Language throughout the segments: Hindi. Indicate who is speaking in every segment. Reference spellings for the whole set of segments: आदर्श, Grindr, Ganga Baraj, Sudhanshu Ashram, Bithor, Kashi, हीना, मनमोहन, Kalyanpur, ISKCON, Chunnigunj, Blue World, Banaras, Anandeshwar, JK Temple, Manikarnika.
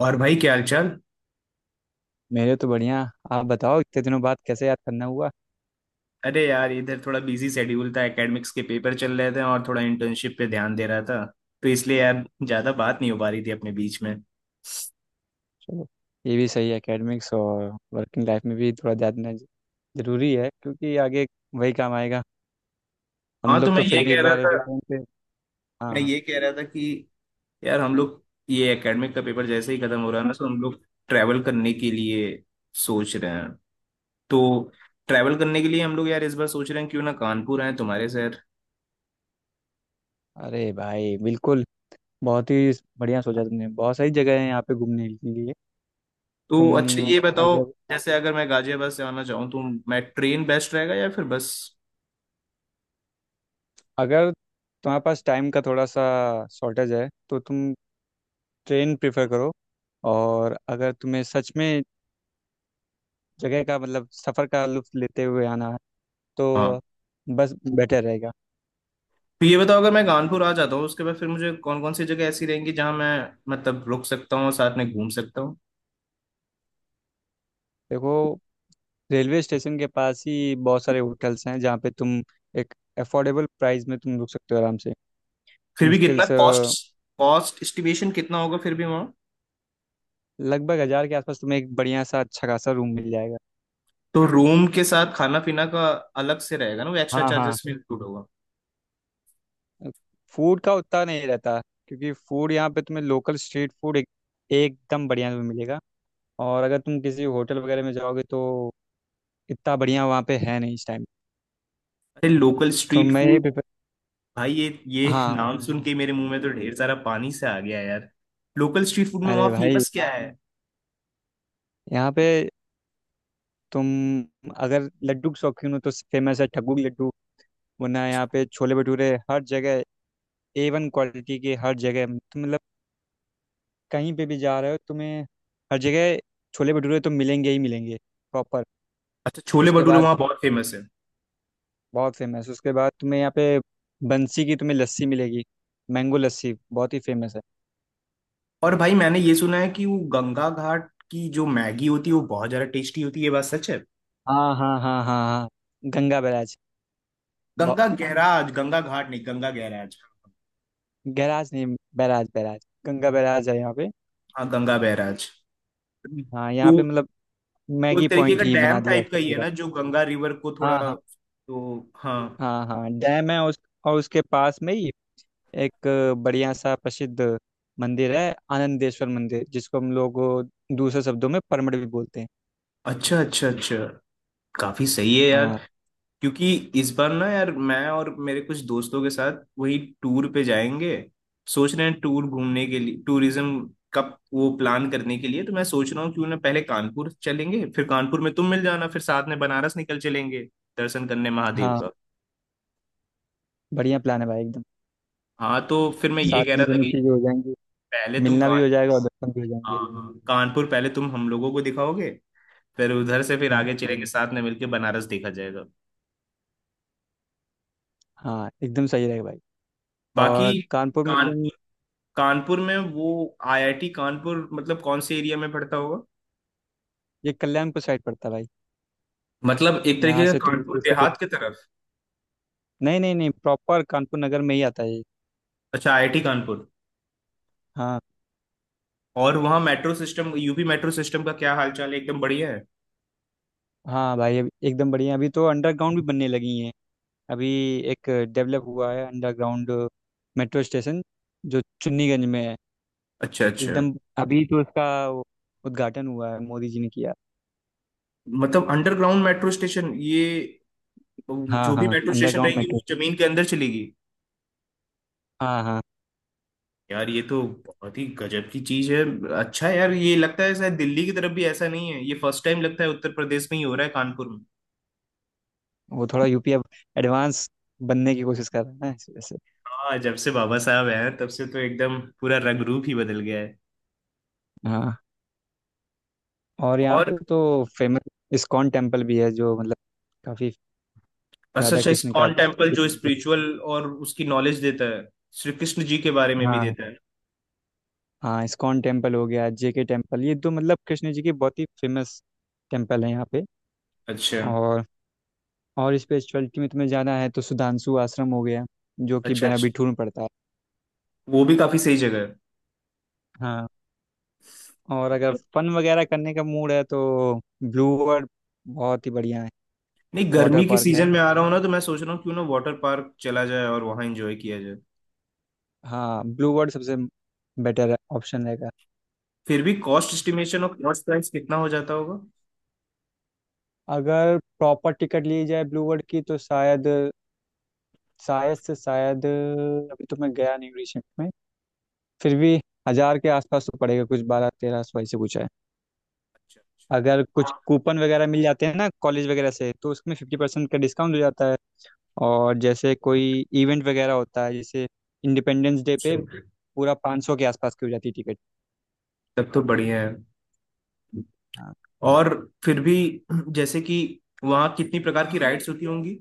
Speaker 1: और भाई क्या हालचाल।
Speaker 2: मेरे तो बढ़िया। आप बताओ इतने दिनों बाद कैसे याद करना हुआ।
Speaker 1: अरे यार इधर थोड़ा बिजी शेड्यूल था, एकेडमिक्स के पेपर चल रहे थे और थोड़ा इंटर्नशिप पे ध्यान दे रहा था। तो इसलिए यार ज्यादा बात नहीं हो पा रही थी अपने बीच में।
Speaker 2: चलो, ये भी सही है, एकेडमिक्स और वर्किंग लाइफ में भी थोड़ा जानना जरूरी है क्योंकि आगे वही काम आएगा। हम
Speaker 1: हाँ, तो
Speaker 2: लोग तो फिर भी एक बार फोन पे। हाँ
Speaker 1: मैं
Speaker 2: हाँ।
Speaker 1: ये कह रहा था कि यार हम लोग, ये एकेडमिक का पेपर जैसे ही खत्म हो रहा है ना तो हम लोग ट्रैवल करने के लिए सोच रहे हैं। तो ट्रैवल करने के लिए हम लोग यार इस बार सोच रहे हैं, क्यों ना कानपुर आए तुम्हारे शहर।
Speaker 2: अरे भाई बिल्कुल, बहुत ही बढ़िया सोचा तुमने। बहुत सारी जगह है यहाँ पे घूमने के लिए।
Speaker 1: तो
Speaker 2: तुम
Speaker 1: अच्छा ये बताओ,
Speaker 2: अगर
Speaker 1: जैसे अगर मैं गाजियाबाद से आना चाहूँ तो मैं ट्रेन बेस्ट रहेगा या फिर बस।
Speaker 2: अगर तुम्हारे पास टाइम का थोड़ा सा शॉर्टेज है तो तुम ट्रेन प्रेफर करो, और अगर तुम्हें सच में जगह का मतलब सफ़र का लुत्फ लेते हुए आना है तो
Speaker 1: हाँ।
Speaker 2: बस बेटर रहेगा।
Speaker 1: तो ये बताओ, अगर मैं कानपुर आ जाता हूँ उसके बाद फिर मुझे कौन कौन सी जगह ऐसी रहेंगी जहाँ मैं, मतलब रुक सकता हूँ, साथ में घूम सकता हूँ।
Speaker 2: देखो, रेलवे स्टेशन के पास ही बहुत सारे होटल्स हैं जहाँ पे तुम एक अफोर्डेबल प्राइस में तुम रुक सकते हो आराम से।
Speaker 1: फिर भी
Speaker 2: मुश्किल
Speaker 1: कितना
Speaker 2: से
Speaker 1: कॉस्ट, कॉस्ट एस्टिमेशन कितना होगा फिर भी वहाँ।
Speaker 2: लगभग 1,000 के आसपास तुम्हें एक बढ़िया सा अच्छा खासा रूम मिल जाएगा।
Speaker 1: तो रूम के साथ खाना पीना का अलग से रहेगा ना, वो एक्स्ट्रा
Speaker 2: हाँ हाँ,
Speaker 1: चार्जेस में इंक्लूड होगा।
Speaker 2: फूड का उतना नहीं रहता क्योंकि फूड यहाँ पे तुम्हें लोकल स्ट्रीट फूड एकदम बढ़िया में मिलेगा, और अगर तुम किसी होटल वगैरह में जाओगे तो इतना बढ़िया वहाँ पे है नहीं इस टाइम।
Speaker 1: अरे लोकल
Speaker 2: तो
Speaker 1: स्ट्रीट
Speaker 2: मैं यही
Speaker 1: फूड,
Speaker 2: प्रिफर।
Speaker 1: भाई ये
Speaker 2: हाँ।
Speaker 1: नाम सुन के मेरे मुंह में तो ढेर सारा पानी से आ गया यार। लोकल स्ट्रीट फूड में वहाँ
Speaker 2: अरे भाई,
Speaker 1: फेमस क्या है।
Speaker 2: यहाँ पे तुम अगर लड्डू के शौकीन हो तो फेमस है ठग्गू की लड्डू, वरना
Speaker 1: अच्छा।
Speaker 2: यहाँ पे छोले भटूरे हर जगह, ए वन क्वालिटी के हर जगह। तुम मतलब कहीं पे भी जा रहे हो तुम्हें हर जगह छोले भटूरे तो मिलेंगे ही मिलेंगे प्रॉपर।
Speaker 1: अच्छा, छोले
Speaker 2: उसके
Speaker 1: भटूरे
Speaker 2: बाद
Speaker 1: वहाँ बहुत फेमस है।
Speaker 2: बहुत फेमस, उसके बाद तुम्हें यहाँ पे बंसी की तुम्हें लस्सी मिलेगी, मैंगो लस्सी बहुत ही फेमस है।
Speaker 1: और भाई मैंने ये सुना है कि वो गंगा घाट की जो मैगी होती है वो बहुत ज्यादा टेस्टी होती है, ये बात सच है।
Speaker 2: हाँ हाँ हाँ हाँ हाँ, गंगा बैराज। ब-
Speaker 1: गंगा गैराज, गंगा घाट नहीं, गंगा गैराज।
Speaker 2: गैराज नहीं, बैराज बैराज, गंगा बैराज है यहाँ पे।
Speaker 1: हाँ गंगा बैराज।
Speaker 2: हाँ, यहाँ
Speaker 1: तो
Speaker 2: पे मतलब
Speaker 1: वो एक
Speaker 2: मैगी
Speaker 1: तरीके
Speaker 2: पॉइंट
Speaker 1: का
Speaker 2: ही
Speaker 1: डैम
Speaker 2: बना दिया
Speaker 1: टाइप का
Speaker 2: उसका
Speaker 1: ही है
Speaker 2: पूरा।
Speaker 1: ना, जो गंगा रिवर को थोड़ा,
Speaker 2: हाँ हाँ,
Speaker 1: तो हाँ।
Speaker 2: हाँ हाँ डैम है उस, और उसके पास में ही एक बढ़िया सा प्रसिद्ध मंदिर है, आनंदेश्वर मंदिर, जिसको हम लोग दूसरे शब्दों में परमड़ भी बोलते हैं।
Speaker 1: अच्छा अच्छा अच्छा, काफी सही है यार।
Speaker 2: हाँ,
Speaker 1: क्योंकि इस बार ना यार मैं और मेरे कुछ दोस्तों के साथ वही टूर पे जाएंगे, सोच रहे हैं टूर घूमने के लिए, टूरिज्म का वो प्लान करने के लिए। तो मैं सोच रहा हूँ क्यों ना पहले कानपुर चलेंगे, फिर कानपुर में तुम मिल जाना, फिर साथ में बनारस निकल चलेंगे दर्शन करने महादेव
Speaker 2: हाँ
Speaker 1: का।
Speaker 2: बढ़िया प्लान है भाई एकदम।
Speaker 1: हाँ तो फिर मैं ये
Speaker 2: साथ
Speaker 1: कह
Speaker 2: में
Speaker 1: रहा था
Speaker 2: दोनों
Speaker 1: कि
Speaker 2: चीज़ें हो जाएंगी,
Speaker 1: पहले तुम
Speaker 2: मिलना भी
Speaker 1: कान
Speaker 2: हो जाएगा और दर्शन भी हो
Speaker 1: हाँ
Speaker 2: जाएंगे।
Speaker 1: हाँ, कानपुर पहले तुम हम लोगों को दिखाओगे, फिर उधर से फिर
Speaker 2: हाँ
Speaker 1: आगे चलेंगे साथ में मिलके बनारस देखा जाएगा।
Speaker 2: हाँ एकदम सही रहेगा भाई।
Speaker 1: बाकी
Speaker 2: और कानपुर में तुम,
Speaker 1: कानपुर कानपुर में वो आईआईटी कानपुर मतलब कौन से एरिया में पड़ता होगा।
Speaker 2: ये कल्याणपुर साइड पड़ता है भाई।
Speaker 1: मतलब एक तरीके
Speaker 2: यहाँ
Speaker 1: का
Speaker 2: से तुम
Speaker 1: कानपुर
Speaker 2: जैसे,
Speaker 1: देहात की तरफ।
Speaker 2: नहीं नहीं नहीं, प्रॉपर कानपुर नगर में ही आता है ये।
Speaker 1: अच्छा आईआईटी कानपुर।
Speaker 2: हाँ।
Speaker 1: और वहाँ metro system, UP metro system का क्या हालचाल है, एकदम बढ़िया है।
Speaker 2: एकदम बढ़िया, अभी तो अंडरग्राउंड भी बनने लगी हैं। अभी एक डेवलप हुआ है अंडरग्राउंड मेट्रो स्टेशन जो चुन्नीगंज में है,
Speaker 1: अच्छा अच्छा।
Speaker 2: एकदम। अभी तो इसका वो उद्घाटन हुआ है, मोदी जी ने किया।
Speaker 1: मतलब अंडरग्राउंड मेट्रो स्टेशन, ये
Speaker 2: हाँ
Speaker 1: जो भी
Speaker 2: हाँ,
Speaker 1: मेट्रो स्टेशन
Speaker 2: अंडरग्राउंड
Speaker 1: रहेगी वो
Speaker 2: मेट्रो स्टेशन,
Speaker 1: जमीन के अंदर चलेगी।
Speaker 2: हाँ हाँ।
Speaker 1: यार ये तो बहुत ही गजब की चीज है। अच्छा यार, ये लगता है शायद दिल्ली की तरफ भी ऐसा नहीं है, ये फर्स्ट टाइम लगता है उत्तर प्रदेश में ही हो रहा है कानपुर में।
Speaker 2: वो थोड़ा यूपी अब एडवांस बनने की कोशिश कर रहा है ना, इस वजह से।
Speaker 1: हाँ, जब से बाबा साहब आए हैं तब से तो एकदम पूरा रंग रूप ही बदल गया है।
Speaker 2: हाँ, और यहाँ
Speaker 1: और
Speaker 2: पे तो फेमस इस्कॉन टेम्पल भी है जो मतलब काफी,
Speaker 1: अच्छा
Speaker 2: राधा
Speaker 1: अच्छा,
Speaker 2: कृष्ण का।
Speaker 1: इस्कॉन टेम्पल जो स्पिरिचुअल और उसकी नॉलेज देता है, श्री कृष्ण जी के बारे में भी
Speaker 2: हाँ
Speaker 1: देता है।
Speaker 2: हाँ, इस्कॉन टेम्पल हो गया, जेके टेम्पल, ये तो मतलब कृष्ण जी के बहुत ही फेमस टेम्पल है यहाँ पे।
Speaker 1: अच्छा
Speaker 2: और और स्पिरिचुअलिटी में तुम्हें जाना है तो सुधांशु आश्रम हो गया, जो कि
Speaker 1: अच्छा अच्छा,
Speaker 2: बिना बिठूर में पड़ता है।
Speaker 1: वो भी काफी सही जगह है।
Speaker 2: हाँ, और अगर फन वगैरह करने का मूड है तो ब्लू वर्ल्ड बहुत ही बढ़िया है।
Speaker 1: नहीं,
Speaker 2: वाटर
Speaker 1: गर्मी के
Speaker 2: पार्क है,
Speaker 1: सीजन में आ रहा हूँ ना तो मैं सोच रहा हूँ क्यों ना वाटर पार्क चला जाए और वहां एंजॉय किया जाए।
Speaker 2: हाँ ब्लू वर्ल्ड सबसे बेटर ऑप्शन रहेगा।
Speaker 1: फिर भी कॉस्ट एस्टिमेशन और कॉस्ट प्राइस कितना हो जाता होगा।
Speaker 2: अगर प्रॉपर टिकट ली जाए ब्लू वर्ल्ड की तो शायद, शायद से शायद अभी तो मैं गया नहीं रिसेंट में, फिर भी 1,000 के आसपास तो पड़ेगा, कुछ 1200-1300 ऐसे कुछ है।
Speaker 1: अच्छा अच्छा। तो
Speaker 2: अगर कुछ कूपन वगैरह मिल जाते हैं ना कॉलेज वगैरह से तो उसमें 50% का डिस्काउंट हो जाता है। और जैसे कोई इवेंट वगैरह होता है, जैसे इंडिपेंडेंस डे पे पूरा 500 के आसपास की हो जाती है टिकट।
Speaker 1: तब तो बढ़िया है।
Speaker 2: हाँ,
Speaker 1: और फिर भी जैसे कि वहाँ कितनी प्रकार की राइड्स होती होंगी।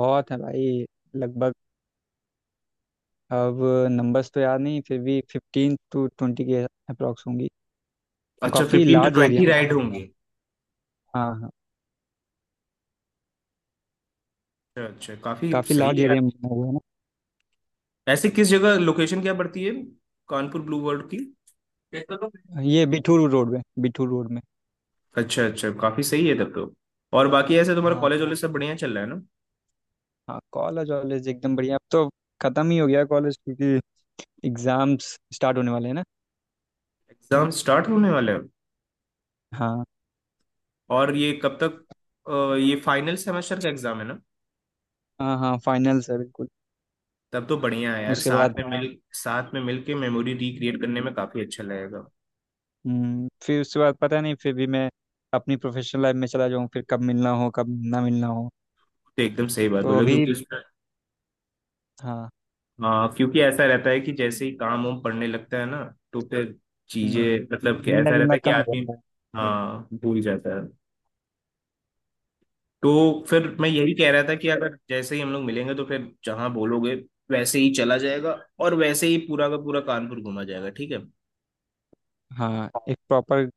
Speaker 2: बहुत है भाई, लगभग, अब नंबर्स तो याद नहीं फिर भी 15-20 के अप्रॉक्स होंगी।
Speaker 1: अच्छा
Speaker 2: काफ़ी
Speaker 1: fifteen to
Speaker 2: large area
Speaker 1: twenty
Speaker 2: में,
Speaker 1: राइड होंगी।
Speaker 2: हाँ हाँ,
Speaker 1: अच्छा अच्छा काफी
Speaker 2: काफ़ी
Speaker 1: सही है
Speaker 2: लार्ज
Speaker 1: यार।
Speaker 2: एरिया में बना हुआ है।
Speaker 1: ऐसे किस जगह लोकेशन क्या पड़ती है, कानपुर ब्लू वर्ल्ड की।
Speaker 2: ना, ये बिठूर रोड में, बिठूर रोड में।
Speaker 1: अच्छा अच्छा काफी सही है तब तो। और बाकी ऐसे तुम्हारा
Speaker 2: हाँ
Speaker 1: कॉलेज वॉलेज सब बढ़िया चल रहा है ना।
Speaker 2: हाँ, कॉलेज वॉलेज एकदम बढ़िया, अब तो ख़त्म ही हो गया कॉलेज क्योंकि एग्ज़ाम्स स्टार्ट होने वाले हैं ना।
Speaker 1: एग्जाम स्टार्ट होने वाले हैं।
Speaker 2: हाँ,
Speaker 1: और ये कब तक, ये फाइनल सेमेस्टर का एग्जाम है ना।
Speaker 2: हाँ हाँ फाइनल है बिल्कुल।
Speaker 1: तब तो बढ़िया है यार,
Speaker 2: उसके बाद,
Speaker 1: साथ में मिल के मेमोरी रिक्रिएट करने में काफी अच्छा लगेगा।
Speaker 2: हम्म, फिर उसके बाद पता नहीं, फिर भी मैं अपनी प्रोफेशनल लाइफ में चला जाऊँ फिर कब मिलना हो कब ना मिलना हो,
Speaker 1: तो एकदम सही बात
Speaker 2: तो
Speaker 1: बोले,
Speaker 2: अभी।
Speaker 1: क्योंकि उसमें,
Speaker 2: हाँ।
Speaker 1: हाँ क्योंकि ऐसा रहता है कि जैसे ही काम वाम पड़ने लगता है ना तो फिर
Speaker 2: हम्म,
Speaker 1: चीजें, मतलब कि
Speaker 2: मिलना
Speaker 1: ऐसा रहता
Speaker 2: जुलना
Speaker 1: है कि
Speaker 2: कम हो
Speaker 1: आदमी,
Speaker 2: जाता है।
Speaker 1: हाँ भूल जाता है। तो फिर मैं यही कह रहा था कि अगर जैसे ही हम लोग मिलेंगे तो फिर जहाँ बोलोगे वैसे ही चला जाएगा, और वैसे ही पूरा का पूरा कानपुर घूमा जाएगा, ठीक है।
Speaker 2: हाँ, एक प्रॉपर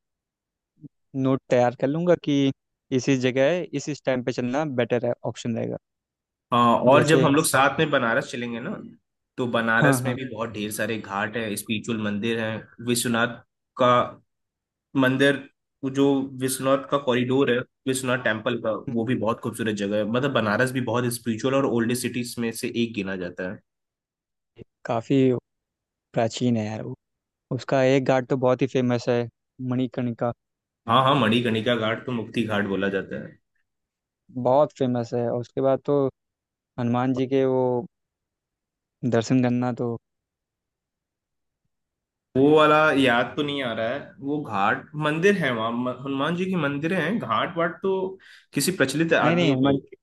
Speaker 2: नोट तैयार कर लूंगा कि इसी जगह है, इस टाइम पे चलना बेटर है, ऑप्शन रहेगा।
Speaker 1: हाँ, और जब
Speaker 2: जैसे,
Speaker 1: हम लोग साथ में बनारस चलेंगे ना, तो
Speaker 2: हाँ
Speaker 1: बनारस में
Speaker 2: हाँ।
Speaker 1: भी बहुत ढेर सारे घाट हैं, स्पिरिचुअल मंदिर हैं, विश्वनाथ का मंदिर, वो जो विश्वनाथ का कॉरिडोर है, विश्वनाथ टेम्पल का, वो
Speaker 2: हम्म,
Speaker 1: भी बहुत खूबसूरत जगह है। मतलब बनारस भी बहुत स्पिरिचुअल और ओल्डेस्ट सिटीज में से एक गिना जाता है।
Speaker 2: काफी प्राचीन है यार वो। उसका एक घाट तो बहुत ही फेमस है, मणिकर्णिका।
Speaker 1: हाँ हाँ, मणिकर्णिका घाट तो मुक्ति घाट बोला जाता है।
Speaker 2: बहुत फेमस है, और उसके बाद तो हनुमान जी के वो दर्शन करना तो।
Speaker 1: वो वाला याद तो नहीं आ रहा है, वो घाट मंदिर है वहाँ, हनुमान जी की मंदिर हैं, घाट वाट तो किसी प्रचलित
Speaker 2: नहीं
Speaker 1: आदमियों पे
Speaker 2: नहीं,
Speaker 1: होगी।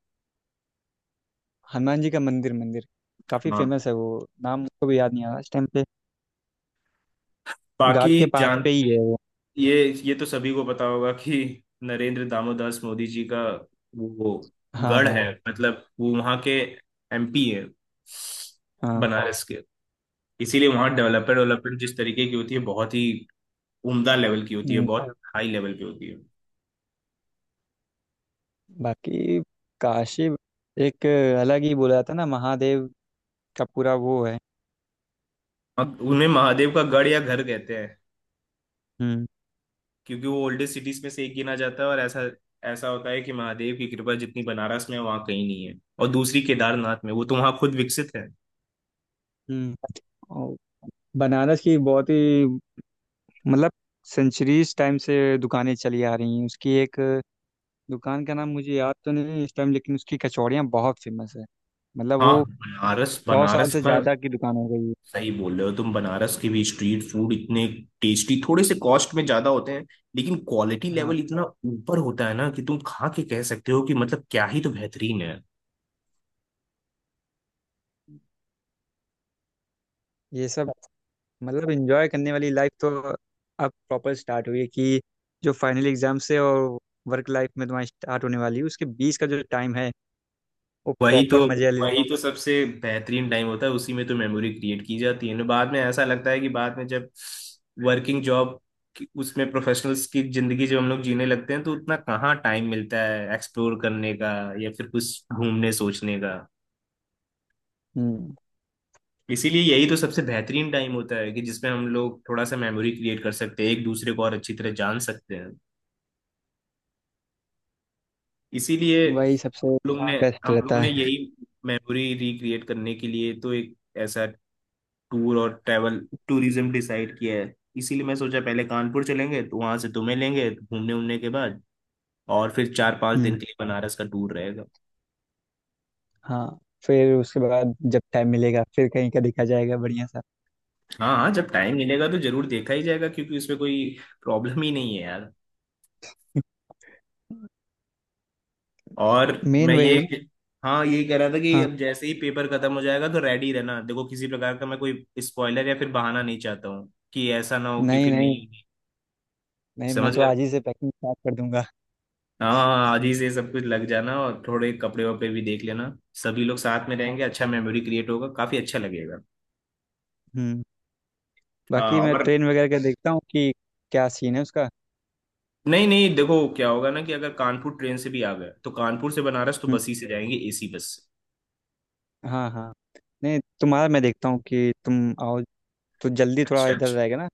Speaker 2: हनुमान जी का मंदिर, मंदिर काफी
Speaker 1: हाँ,
Speaker 2: फेमस है वो। नाम मुझको भी याद नहीं आ रहा इस टाइम पे, घाट के
Speaker 1: बाकी
Speaker 2: पास
Speaker 1: जान,
Speaker 2: पे ही है वो।
Speaker 1: ये तो सभी को पता होगा कि नरेंद्र दामोदास मोदी जी का वो
Speaker 2: हाँ
Speaker 1: गढ़
Speaker 2: हाँ
Speaker 1: है, मतलब वो वहां के एमपी है,
Speaker 2: हाँ,
Speaker 1: बनारस के। इसीलिए वहां डेवलपमेंट डेवलपमेंट जिस तरीके की होती है बहुत ही उम्दा लेवल की होती है,
Speaker 2: हम्म,
Speaker 1: बहुत हाई लेवल पे होती है।
Speaker 2: बाकी काशी एक अलग ही बोला जाता है ना, महादेव का पूरा वो है।
Speaker 1: अब उन्हें महादेव का गढ़ या घर कहते हैं,
Speaker 2: हम्म।
Speaker 1: क्योंकि वो ओल्डेस्ट सिटीज में से एक गिना जाता है। और ऐसा ऐसा होता है कि महादेव की कृपा जितनी बनारस में है, वहाँ कहीं नहीं है, और दूसरी केदारनाथ में, वो तो वहाँ खुद विकसित है।
Speaker 2: हम्म, और बनारस की बहुत ही मतलब सेंचुरीज टाइम से दुकानें चली आ रही हैं। उसकी एक दुकान का नाम मुझे याद तो नहीं है इस टाइम, लेकिन उसकी कचौड़ियाँ बहुत फेमस है। मतलब
Speaker 1: हाँ,
Speaker 2: वो
Speaker 1: बनारस
Speaker 2: 100 साल
Speaker 1: बनारस
Speaker 2: से
Speaker 1: का,
Speaker 2: ज्यादा की दुकान हो गई है।
Speaker 1: सही बोल रहे हो तुम। बनारस के भी स्ट्रीट फूड इतने टेस्टी, थोड़े से कॉस्ट में ज्यादा होते हैं, लेकिन क्वालिटी
Speaker 2: हाँ,
Speaker 1: लेवल इतना ऊपर होता है ना कि तुम खा के कह सकते हो कि मतलब क्या ही तो बेहतरीन है।
Speaker 2: ये सब मतलब एंजॉय करने वाली लाइफ तो अब प्रॉपर स्टार्ट हुई है कि जो फाइनल एग्जाम से और वर्क लाइफ में तुम्हारी स्टार्ट होने वाली है उसके बीच का जो टाइम है वो
Speaker 1: वही तो
Speaker 2: प्रॉपर मजे वाले ले लें।
Speaker 1: वही तो सबसे बेहतरीन टाइम होता है, उसी में तो मेमोरी क्रिएट की जाती है ना। बाद में ऐसा लगता है कि बाद में जब वर्किंग जॉब, उसमें प्रोफेशनल्स की जिंदगी जब हम लोग जीने लगते हैं, तो उतना कहाँ टाइम मिलता है एक्सप्लोर करने का, या फिर कुछ घूमने सोचने का।
Speaker 2: हम्म,
Speaker 1: इसीलिए यही तो सबसे बेहतरीन टाइम होता है कि जिसमें हम लोग थोड़ा सा मेमोरी क्रिएट कर सकते हैं, एक दूसरे को और अच्छी तरह जान सकते हैं। इसीलिए
Speaker 2: वही सबसे बेस्ट
Speaker 1: हम लोग
Speaker 2: रहता
Speaker 1: ने
Speaker 2: है।
Speaker 1: यही मेमोरी रिक्रिएट करने के लिए तो एक ऐसा टूर और ट्रैवल टूरिज्म डिसाइड किया है। इसीलिए मैं सोचा पहले कानपुर चलेंगे, तो वहां से तुम्हें लेंगे, घूमने उमने के बाद, और फिर चार पांच
Speaker 2: हम्म,
Speaker 1: दिन के लिए बनारस का टूर रहेगा।
Speaker 2: हाँ, फिर उसके बाद जब टाइम मिलेगा फिर कहीं का देखा जाएगा बढ़िया सा।
Speaker 1: हाँ हाँ, जब टाइम मिलेगा तो जरूर देखा ही जाएगा, क्योंकि उसमें कोई प्रॉब्लम ही नहीं है यार। और
Speaker 2: मेन
Speaker 1: मैं क्या
Speaker 2: वही है ना।
Speaker 1: ये हाँ ये कह रहा था कि
Speaker 2: हाँ,
Speaker 1: अब जैसे ही पेपर खत्म हो जाएगा तो रेडी रहना, देखो किसी प्रकार का मैं कोई स्पॉइलर या फिर बहाना नहीं चाहता हूँ कि ऐसा ना हो कि
Speaker 2: नहीं
Speaker 1: फिर
Speaker 2: नहीं,
Speaker 1: नहीं होगी।
Speaker 2: नहीं मैं
Speaker 1: समझ
Speaker 2: तो
Speaker 1: गए।
Speaker 2: आज ही से पैकिंग स्टार्ट कर दूंगा।
Speaker 1: हाँ हाँ, हाँ, आज ही से सब कुछ लग जाना और थोड़े कपड़े वपड़े भी देख लेना, सभी लोग साथ में
Speaker 2: हाँ,
Speaker 1: रहेंगे, अच्छा मेमोरी क्रिएट होगा, काफी अच्छा लगेगा।
Speaker 2: हम्म, बाकी
Speaker 1: हाँ,
Speaker 2: मैं
Speaker 1: और
Speaker 2: ट्रेन वगैरह का देखता हूँ कि क्या सीन है उसका।
Speaker 1: नहीं नहीं, देखो क्या होगा ना, कि अगर कानपुर ट्रेन से भी आ गए तो कानपुर से बनारस तो बस ही से जाएंगे, एसी बस से।
Speaker 2: हाँ हाँ, नहीं तुम्हारा मैं देखता हूँ कि तुम आओ तो जल्दी, थोड़ा
Speaker 1: अच्छा
Speaker 2: इधर
Speaker 1: अच्छा।
Speaker 2: रहेगा ना।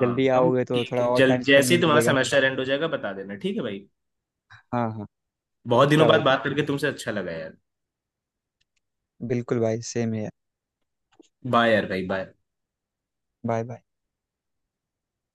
Speaker 2: जल्दी
Speaker 1: हम
Speaker 2: आओगे तो
Speaker 1: ठीक
Speaker 2: थोड़ा
Speaker 1: है,
Speaker 2: और टाइम
Speaker 1: जल्द
Speaker 2: स्पेंड
Speaker 1: जैसे
Speaker 2: भी
Speaker 1: ही तुम्हारा
Speaker 2: मिलेगा।
Speaker 1: सेमेस्टर एंड हो जाएगा बता देना, ठीक है भाई।
Speaker 2: हाँ हाँ,
Speaker 1: बहुत दिनों
Speaker 2: पक्का
Speaker 1: बाद
Speaker 2: भाई
Speaker 1: बात
Speaker 2: पक्का,
Speaker 1: करके तुमसे अच्छा लगा यार।
Speaker 2: बिल्कुल भाई सेम है।
Speaker 1: बाय यार, भाई बाय।
Speaker 2: Bye bye.